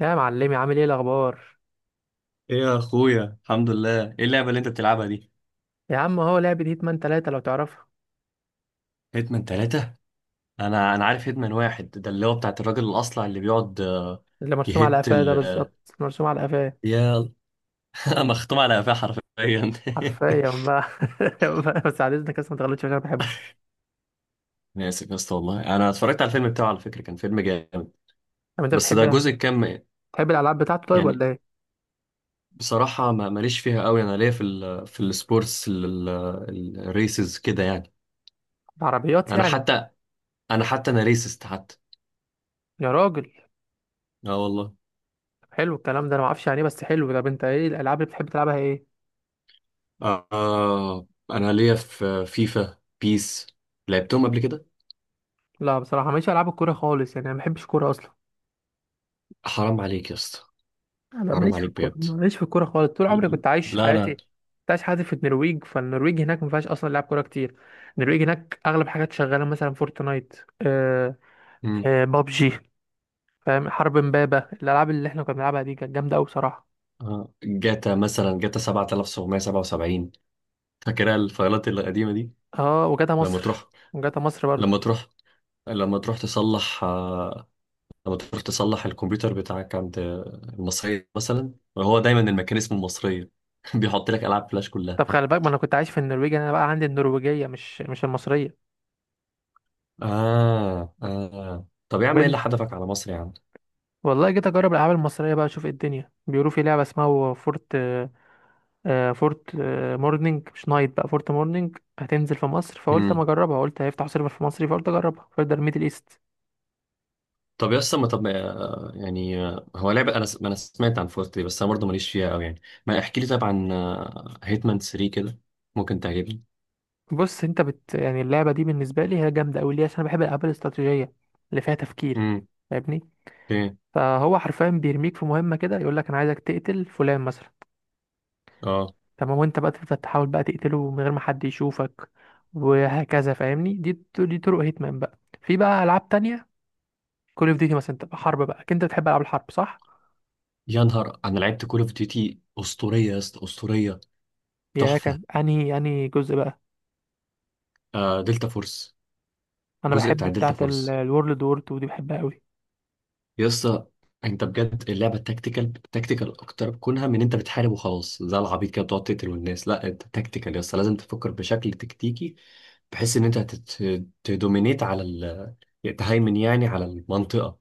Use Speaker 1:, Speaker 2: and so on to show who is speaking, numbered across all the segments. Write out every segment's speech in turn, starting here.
Speaker 1: يا معلمي، عامل ايه الاخبار؟
Speaker 2: ايه يا اخويا، الحمد لله. ايه اللعبه اللي انت بتلعبها دي؟
Speaker 1: يا عم هو لعبة هيتمان تلاتة لو تعرفها.
Speaker 2: هيتمان ثلاثة. انا عارف هيتمان واحد، ده اللي هو بتاعت الراجل الاصلع اللي بيقعد. آه،
Speaker 1: اللي مرسوم على
Speaker 2: يهت
Speaker 1: قفاه
Speaker 2: ال
Speaker 1: ده،
Speaker 2: آه،
Speaker 1: بالظبط مرسوم على قفاه
Speaker 2: يا مختوم على قفاه حرفيا
Speaker 1: حرفيا بقى. بس على اذنك، بس ما تغلطش عشان انا بحبه.
Speaker 2: انا اسف يا اسطى، والله انا اتفرجت على الفيلم بتاعه، على فكره كان فيلم جامد.
Speaker 1: طب انت
Speaker 2: بس ده
Speaker 1: بتحب،
Speaker 2: جزء كام؟
Speaker 1: بتحب الالعاب بتاعته طيب
Speaker 2: يعني،
Speaker 1: ولا ايه؟
Speaker 2: بصراحه ما ماليش فيها قوي. انا ليا في السبورتس، الريسز كده يعني.
Speaker 1: العربيات
Speaker 2: انا
Speaker 1: يعني.
Speaker 2: حتى انا حتى ريسست حتى.
Speaker 1: يا راجل،
Speaker 2: اه والله.
Speaker 1: طب حلو الكلام ده، انا ما اعرفش يعني ايه بس حلو. طب انت ايه الالعاب اللي بتحب تلعبها ايه؟
Speaker 2: انا ليا في فيفا بيس، لعبتهم قبل كده.
Speaker 1: لا بصراحة ماليش العاب الكورة خالص، يعني انا ما بحبش كورة اصلا.
Speaker 2: حرام عليك يا اسطى.
Speaker 1: انا
Speaker 2: حرام
Speaker 1: ماليش في
Speaker 2: عليك
Speaker 1: الكوره،
Speaker 2: بجد.
Speaker 1: ماليش في الكوره خالص. طول عمري كنت عايش
Speaker 2: لا
Speaker 1: حياتي،
Speaker 2: انا.
Speaker 1: كنت عايش حياتي في النرويج. فالنرويج هناك ما فيهاش اصلا لعب كوره كتير. النرويج هناك اغلب حاجات شغاله مثلا فورتنايت. آه،
Speaker 2: مم.
Speaker 1: آه بابجي فاهم، حرب امبابه. الالعاب اللي احنا كنا بنلعبها دي كانت جامده قوي بصراحه.
Speaker 2: آه. جاتا مثلا، جاتا 7777، فاكرها الفايلات القديمه دي.
Speaker 1: اه وجاتا
Speaker 2: لما
Speaker 1: مصر،
Speaker 2: تروح
Speaker 1: وجاتا مصر برضو.
Speaker 2: لما تروح لما تروح تصلح آه، لما تروح تصلح الكمبيوتر بتاعك عند المصرية مثلا، هو دايما المكان اسمه المصرية. بيحط لك ألعاب فلاش كلها.
Speaker 1: طب خلي بالك، ما انا كنت عايش في النرويج، انا بقى عندي النرويجيه مش المصريه.
Speaker 2: آه آه، طب يا عم، ايه
Speaker 1: بنت.
Speaker 2: اللي حدفك على مصر يا عم؟
Speaker 1: والله جيت اجرب الالعاب المصريه بقى اشوف ايه الدنيا. بيقولوا في لعبه اسمها فورت، فورت مورنينج مش نايت بقى. فورت مورنينج هتنزل في مصر، فقلت اما
Speaker 2: مم.
Speaker 1: اجربها. قلت هيفتحوا سيرفر في مصر، فقلت اجربها. فيرجر ميدل ايست.
Speaker 2: طب يا اسطى، ما طب ما- يعني هو لعبة، أنا ما أنا سمعت عن فورت دي، بس أنا برضه ماليش فيها أوي يعني. ما احكي لي طب عن هيتمان 3 كده، ممكن تعجبني.
Speaker 1: بص انت بت يعني، اللعبه دي بالنسبه لي هي جامده قوي. ليه؟ عشان انا بحب الالعاب الاستراتيجيه اللي فيها تفكير.
Speaker 2: امم.
Speaker 1: فاهمني؟
Speaker 2: ايه.
Speaker 1: فهو حرفيا بيرميك في مهمه كده، يقول لك انا عايزك تقتل فلان مثلا.
Speaker 2: اه.
Speaker 1: تمام، وانت بقى تفضل تحاول بقى تقتله من غير ما حد يشوفك. وهكذا، فاهمني؟ دي طرق هيتمان بقى. في بقى العاب تانية، كول اوف ديوتي مثلا تبقى حرب بقى. انت بتحب العاب الحرب صح؟
Speaker 2: يا نهار، أنا لعبت كول أوف ديوتي أسطورية يا اسطى، أسطورية،
Speaker 1: يا
Speaker 2: تحفة.
Speaker 1: كان انهي جزء بقى؟
Speaker 2: دلتا فورس،
Speaker 1: انا
Speaker 2: الجزء
Speaker 1: بحب
Speaker 2: بتاع دلتا
Speaker 1: بتاعه
Speaker 2: فورس
Speaker 1: الورلد وور 2 دي، بحبها قوي.
Speaker 2: يا اسطى، أنت بجد اللعبة تكتيكال، تكتيكال أكتر، كونها من أنت بتحارب وخلاص زي العبيط كده بتقعد تقتل والناس، لا، أنت تكتيكال يا اسطى، لازم تفكر بشكل تكتيكي، بحيث ان انت تهيمن يعني على المنطقه.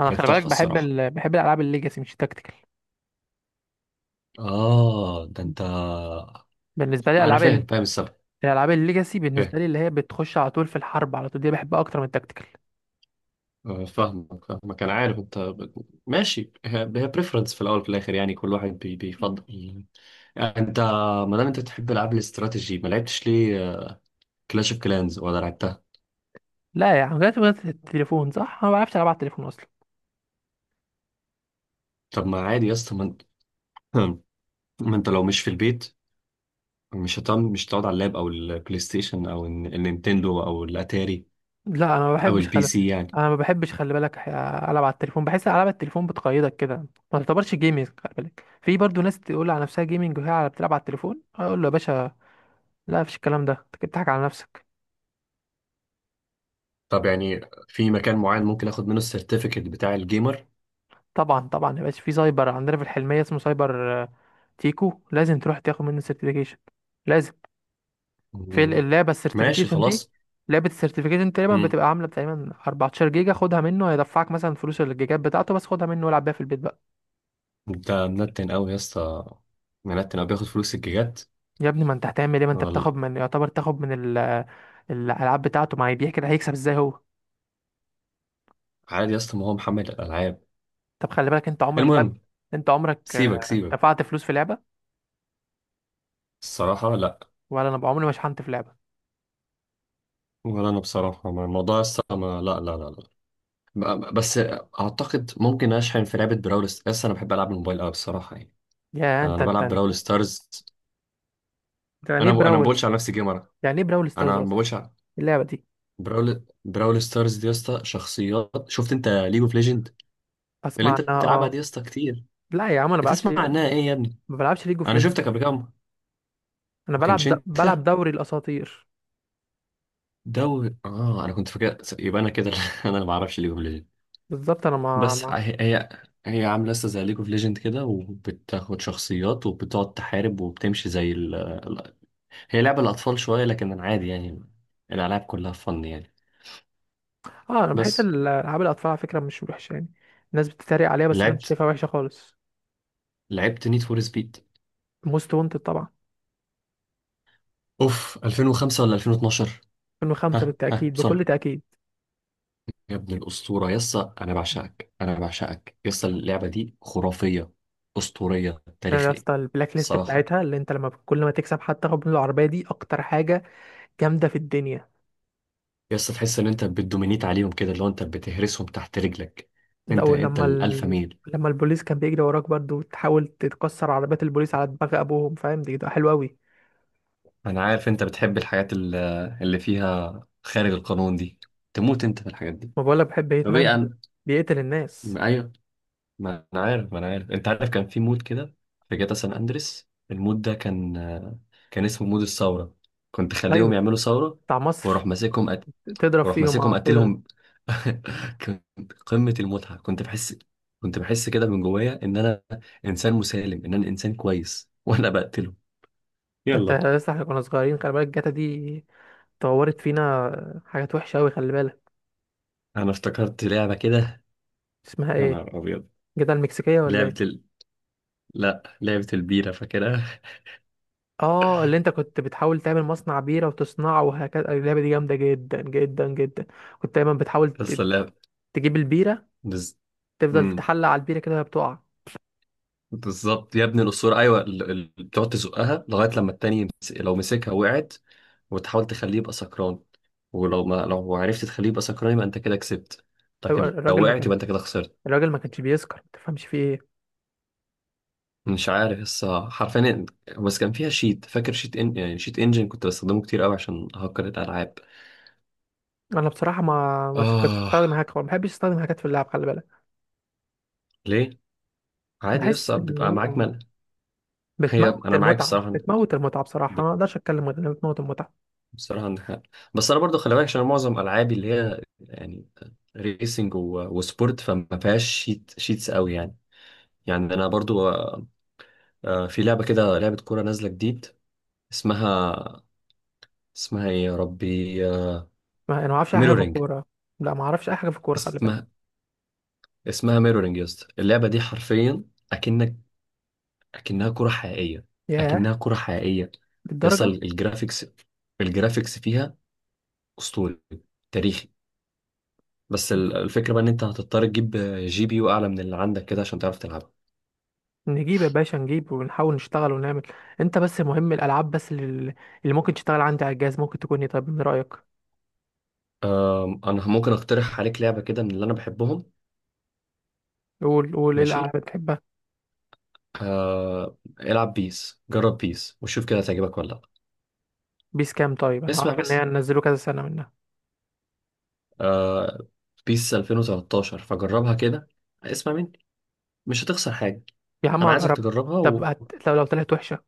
Speaker 1: انا
Speaker 2: كانت
Speaker 1: خلي بالك
Speaker 2: تحفه
Speaker 1: بحب
Speaker 2: الصراحه.
Speaker 1: ال... بحب الالعاب الليجاسي، مش التكتيكال.
Speaker 2: اه ده انت.
Speaker 1: بالنسبه لي
Speaker 2: انا
Speaker 1: العاب
Speaker 2: فاهم،
Speaker 1: ال...
Speaker 2: فاهم السبب.
Speaker 1: الالعاب الليجاسي
Speaker 2: فاهم.
Speaker 1: بالنسبه لي، اللي هي بتخش على طول في الحرب على طول، دي بحبها اكتر من التكتيكال.
Speaker 2: فاهمك فاهمك، انا عارف. انت ماشي هي بريفرنس في الاول وفي الاخر يعني، كل واحد بيفضل يعني. انت، ما دام انت بتحب العاب الاستراتيجي، ما لعبتش ليه كلاش اوف كلانز؟ ولا لعبتها؟
Speaker 1: لا يا عم، جات التليفون صح. انا ما بعرفش العب على التليفون اصلا.
Speaker 2: طب ما عادي يا اسطى، ما انت ما انت لو مش في البيت، مش هتقعد على اللاب او البلاي ستيشن او النينتندو او الاتاري
Speaker 1: لا انا ما
Speaker 2: او
Speaker 1: بحبش
Speaker 2: البي
Speaker 1: خلي،
Speaker 2: سي يعني.
Speaker 1: انا ما بحبش خلي بالك. العب على التليفون، بحس العاب التليفون بتقيدك كده، ما تعتبرش جيمنج. خلي بالك في برضو ناس تقول على نفسها جيمنج وهي بتلعب على التليفون، اقول له يا باشا، لا مفيش الكلام ده، انت كده بتضحك على نفسك.
Speaker 2: طب يعني، في مكان معين ممكن اخد منه السيرتيفيكت بتاع الجيمر؟
Speaker 1: طبعا طبعا يا باشا، في سايبر عندنا في الحلمية اسمه سايبر تيكو، لازم تروح تاخد منه سيرتيفيكيشن، لازم. في
Speaker 2: مم.
Speaker 1: اللعبة
Speaker 2: ماشي
Speaker 1: السيرتيفيكيشن دي،
Speaker 2: خلاص.
Speaker 1: لعبة السيرتيفيكيشن تقريبا
Speaker 2: مم.
Speaker 1: بتبقى عاملة تقريبا 14 جيجا. خدها منه، هيدفعك مثلا فلوس الجيجات بتاعته، بس خدها منه والعب بيها في البيت بقى.
Speaker 2: انت منتن قوي يا اسطى، منتن قوي، بياخد فلوس الجيجات.
Speaker 1: يا ابني ما انت هتعمل ايه؟ ما انت بتاخد
Speaker 2: ولا-
Speaker 1: من، يعتبر تاخد من ال... الألعاب بتاعته. ما هي بيحكي ده، هيكسب ازاي هو؟
Speaker 2: عادي يا اسطى، ما هو محمل الالعاب.
Speaker 1: طب خلي بالك، انت عمرك طب،
Speaker 2: المهم،
Speaker 1: انت عمرك
Speaker 2: سيبك سيبك.
Speaker 1: دفعت فلوس في لعبة؟
Speaker 2: الصراحة لا.
Speaker 1: ولا انا عمري ما شحنت في لعبة.
Speaker 2: ولا انا بصراحة، الموضوع يا اسطى، ما، لا لا لا لا. بس اعتقد ممكن اشحن في لعبة براول يا اسطى، انا بحب العب الموبايل قوي بصراحة يعني.
Speaker 1: يا انت
Speaker 2: انا
Speaker 1: انت
Speaker 2: بلعب براول
Speaker 1: انت،
Speaker 2: ستارز.
Speaker 1: أنت يعني ايه
Speaker 2: انا ما
Speaker 1: براول؟
Speaker 2: بقولش على نفسي جيمر.
Speaker 1: يعني ايه براول ستارز
Speaker 2: انا ما
Speaker 1: اصلا
Speaker 2: بقولش.
Speaker 1: اللعبة دي؟
Speaker 2: براول ستارز دي يا اسطى، شخصيات. شفت انت ليج اوف ليجند، اللي
Speaker 1: اسمع
Speaker 2: انت
Speaker 1: عنها،
Speaker 2: بتلعبها دي
Speaker 1: اه.
Speaker 2: يا اسطى كتير؟
Speaker 1: لا يا عم انا بلعبش،
Speaker 2: بتسمع عنها ايه يا ابني؟
Speaker 1: ما بلعبش ليج اوف
Speaker 2: انا
Speaker 1: ليجند.
Speaker 2: شفتك قبل كده، ما
Speaker 1: انا بلعب
Speaker 2: كانش
Speaker 1: د... بلعب
Speaker 2: انت
Speaker 1: دوري الاساطير.
Speaker 2: دوري؟ اه انا كنت فاكر، يبقى انا كده انا اللي ما اعرفش ليج اوف ليجند.
Speaker 1: بالظبط. انا مع
Speaker 2: بس
Speaker 1: مع
Speaker 2: هي هي هي عامله لسه زي ليج اوف ليجند كده، وبتاخد شخصيات وبتقعد تحارب وبتمشي زي هي لعبه الاطفال شويه، لكن انا عادي يعني، الالعاب كلها فن يعني.
Speaker 1: اه انا بحس
Speaker 2: بس.
Speaker 1: العاب الاطفال على فكره مش وحشه يعني. الناس بتتريق عليها، بس انا مش
Speaker 2: لعبت
Speaker 1: شايفها وحشه خالص.
Speaker 2: لعبت نيد فور سبيد،
Speaker 1: موست وانتد طبعا.
Speaker 2: اوف 2005 ولا 2012؟
Speaker 1: 2005
Speaker 2: ها ها
Speaker 1: بالتاكيد،
Speaker 2: بسرعة.
Speaker 1: بكل تاكيد.
Speaker 2: يا ابن الأسطورة يسا، أنا بعشقك، أنا بعشقك يسا، اللعبة دي خرافية، أسطورية
Speaker 1: انا يا
Speaker 2: تاريخية.
Speaker 1: اسطى، البلاك ليست
Speaker 2: الصراحة،
Speaker 1: بتاعتها، اللي انت لما كل ما تكسب حتى تاخد من العربيه دي، اكتر حاجه جامده في الدنيا.
Speaker 2: يسا تحس إن أنت بتدومينيت عليهم كده، اللي هو أنت بتهرسهم تحت رجلك. أنت
Speaker 1: الاول
Speaker 2: أنت
Speaker 1: لما
Speaker 2: الألفا
Speaker 1: ال...
Speaker 2: ميل.
Speaker 1: لما البوليس كان بيجري وراك برضه، وتحاول تكسر عربيات البوليس على دماغ ابوهم فاهم، دي ده حلو قوي.
Speaker 2: أنا عارف أنت بتحب الحاجات اللي فيها خارج القانون دي، تموت أنت في الحاجات دي.
Speaker 1: ما بقولك بحب هيت
Speaker 2: طب
Speaker 1: مان؟
Speaker 2: إيه؟ أنا
Speaker 1: بيقتل الناس.
Speaker 2: أيوه ما أنا عارف، ما أنا عارف، أنت عارف كان في مود كده في جاتا سان أندريس، المود ده كان، كان اسمه مود الثورة. كنت خليهم
Speaker 1: ايوه،
Speaker 2: يعملوا ثورة،
Speaker 1: بتاع مصر.
Speaker 2: واروح ماسكهم
Speaker 1: تضرب
Speaker 2: واروح
Speaker 1: فيهم
Speaker 2: ماسكهم
Speaker 1: اه، تضرب.
Speaker 2: قتلهم. كنت قمة المتعة، كنت بحس، كده من جوايا ان انا انسان مسالم، ان انا انسان كويس وانا بقتله.
Speaker 1: انت
Speaker 2: يلا.
Speaker 1: لسه، احنا كنا صغيرين، خلي بالك جاتا دي طورت فينا حاجات وحشه قوي، خلي بالك.
Speaker 2: انا افتكرت لعبة كده،
Speaker 1: اسمها
Speaker 2: يا
Speaker 1: ايه؟
Speaker 2: نهار ابيض.
Speaker 1: جاتا المكسيكيه ولا
Speaker 2: لعبة
Speaker 1: ايه؟
Speaker 2: ال... لا لعبة البيرة فاكرها.
Speaker 1: اه، اللي انت كنت بتحاول تعمل مصنع بيره وتصنعه وهكذا. اللعبه دي جامده جدا جدا جدا. كنت دايما بتحاول
Speaker 2: قصة اللعبة.
Speaker 1: تجيب البيره،
Speaker 2: بز...
Speaker 1: تفضل
Speaker 2: مم.
Speaker 1: تحلق على البيره كده وهي بتقع.
Speaker 2: بالظبط يا ابن الاسطوره، ايوه بتقعد تزقها لغايه لما التاني لو مسكها وقعت، وتحاول تخليه يبقى سكران، ولو ما، لو عرفت تخليه يبقى سكران، يبقى انت كده كسبت،
Speaker 1: ايوه،
Speaker 2: لكن لو
Speaker 1: الراجل ما
Speaker 2: وقعت
Speaker 1: كانش،
Speaker 2: يبقى انت كده خسرت.
Speaker 1: الراجل ما كانش بيسكر. ما تفهمش فيه ايه.
Speaker 2: مش عارف لسه حرفيا. بس كان فيها شيت، فاكر شيت، ان... يعني شيت انجن كنت بستخدمه كتير قوي عشان هكر الالعاب.
Speaker 1: انا بصراحه ما كنتش
Speaker 2: اه.
Speaker 1: بستخدم هاك، ما بحبش استخدم هاكات في اللعب، خلي بالك.
Speaker 2: ليه؟ عادي
Speaker 1: بحس
Speaker 2: لسه
Speaker 1: ان
Speaker 2: بيبقى
Speaker 1: هي
Speaker 2: معاك ملل. هي
Speaker 1: بتموت
Speaker 2: انا معاك
Speaker 1: المتعه،
Speaker 2: الصراحه،
Speaker 1: بتموت المتعه. بصراحه
Speaker 2: ب-
Speaker 1: ما اقدرش اتكلم غير انها بتموت المتعه.
Speaker 2: بصراحه إن بس انا برضو خلي بالك، عشان معظم العابي اللي هي يعني ريسنج وسبورت فما فيهاش شيت شيتس قوي يعني. يعني انا برضو في لعبه كده، لعبه كوره نازله جديد، اسمها، اسمها ايه يا ربي؟
Speaker 1: ما انا ما اعرفش اي حاجه في
Speaker 2: ميرورينج.
Speaker 1: الكوره. لا ما اعرفش اي حاجه في الكوره، خلي بالك.
Speaker 2: اسمها ميرورينج يا اسطى، اللعبه دي حرفيا، اكنك اكنها كره حقيقيه،
Speaker 1: ياه،
Speaker 2: اكنها كره حقيقيه. يصل
Speaker 1: للدرجه؟
Speaker 2: الجرافيكس، الجرافيكس فيها اسطوري، تاريخي. بس الفكره بقى ان انت هتضطر تجيب جي بي يو اعلى من اللي عندك كده عشان تعرف تلعبها.
Speaker 1: نجيب يا باشا، نجيب ونحاول نشتغل ونعمل. انت بس مهم الالعاب بس اللي، اللي ممكن تشتغل عندي على الجهاز ممكن تكون ايه طيب من رايك؟
Speaker 2: انا ممكن اقترح عليك لعبه كده من اللي انا بحبهم.
Speaker 1: قول قول ايه
Speaker 2: ماشي.
Speaker 1: الالعاب اللي بتحبها.
Speaker 2: العب بيس، جرب بيس وشوف كده هتعجبك ولا لا.
Speaker 1: بيس كام طيب؟ انا
Speaker 2: اسمع
Speaker 1: عارف ان
Speaker 2: بس.
Speaker 1: هي نزلوا كذا سنه منها.
Speaker 2: آه، بيس 2013، فجربها كده. اسمع مني، مش هتخسر حاجه.
Speaker 1: يا عم
Speaker 2: انا عايزك
Speaker 1: هجرب.
Speaker 2: تجربها
Speaker 1: طب هت... لو طلعت وحشه.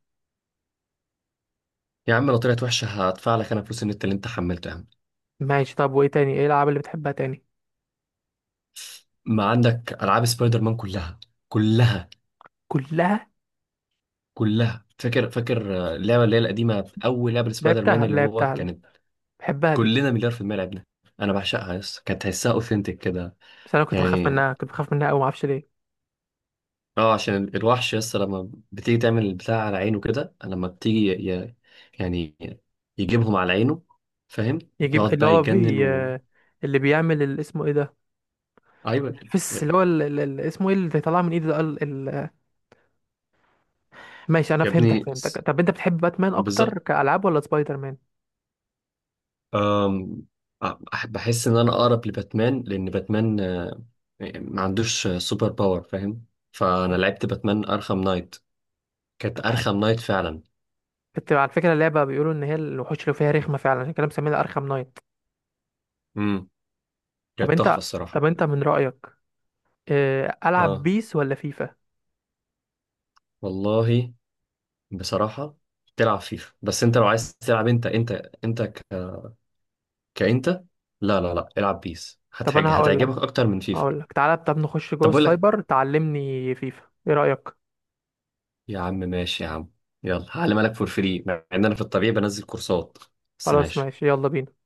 Speaker 2: يا عم لو طلعت وحشه، هدفع لك انا فلوس النت اللي انت حملته يا عم.
Speaker 1: ماشي طب، وايه تاني ايه الالعاب اللي بتحبها تاني؟
Speaker 2: ما عندك العاب سبايدر مان كلها، كلها،
Speaker 1: كلها.
Speaker 2: كلها، فاكر فاكر اللعبه اللي هي القديمه، اول لعبه سبايدر مان،
Speaker 1: لعبتها
Speaker 2: اللي هو
Speaker 1: لعبتها،
Speaker 2: كانت،
Speaker 1: بحبها دي.
Speaker 2: كلنا مليار في المية لعبنا. انا بعشقها يس، كانت تحسها اوثنتك كده
Speaker 1: بس انا كنت بخاف
Speaker 2: يعني.
Speaker 1: منها، كنت بخاف منها قوي ما اعرفش ليه.
Speaker 2: اه، عشان الوحش يس، لما بتيجي تعمل البتاع على عينه كده، لما بتيجي ي... يعني يجيبهم على عينه، فاهم.
Speaker 1: يجيب
Speaker 2: يقعد
Speaker 1: اللي
Speaker 2: بقى
Speaker 1: هو
Speaker 2: يتجنن
Speaker 1: بي، اللي بيعمل اسمه ايه ده؟
Speaker 2: ايوه يا
Speaker 1: الفس، اللي هو اسمه ايه اللي بيطلع من ايده ده؟ ال... ال... ماشي، انا
Speaker 2: يا
Speaker 1: فهمتك
Speaker 2: ابني،
Speaker 1: فهمتك. طب انت بتحب باتمان اكتر
Speaker 2: بالظبط.
Speaker 1: كالعاب ولا سبايدر مان؟
Speaker 2: أم، بحس ان انا اقرب لباتمان، لان باتمان، يعني ما عندوش سوبر باور، فاهم. فانا لعبت باتمان ارخم نايت، كانت
Speaker 1: طب ح-
Speaker 2: ارخم نايت فعلا.
Speaker 1: كنت على فكره اللعبه بيقولوا ان هي الوحوش اللي فيها رخمه فعلا عشان كده مسمينها ارخم نايت.
Speaker 2: امم.
Speaker 1: طب
Speaker 2: كانت تحفه
Speaker 1: انت،
Speaker 2: الصراحه.
Speaker 1: من رايك، العب
Speaker 2: اه
Speaker 1: بيس ولا فيفا؟
Speaker 2: والله، بصراحه، تلعب فيفا. بس انت لو عايز تلعب، انت ك... كانت لا لا لا، العب بيس،
Speaker 1: طب انا هقول لك،
Speaker 2: هتعجبك اكتر من فيفا.
Speaker 1: تعالى طب نخش جوه
Speaker 2: طب بقول لك،
Speaker 1: السايبر تعلمني فيفا ايه رايك؟
Speaker 2: يا عم ماشي يا عم، يلا هعلمها لك فور فري، مع ان انا في الطبيعي بنزل كورسات، بس
Speaker 1: خلاص
Speaker 2: ماشي
Speaker 1: ماشي، يلا بينا.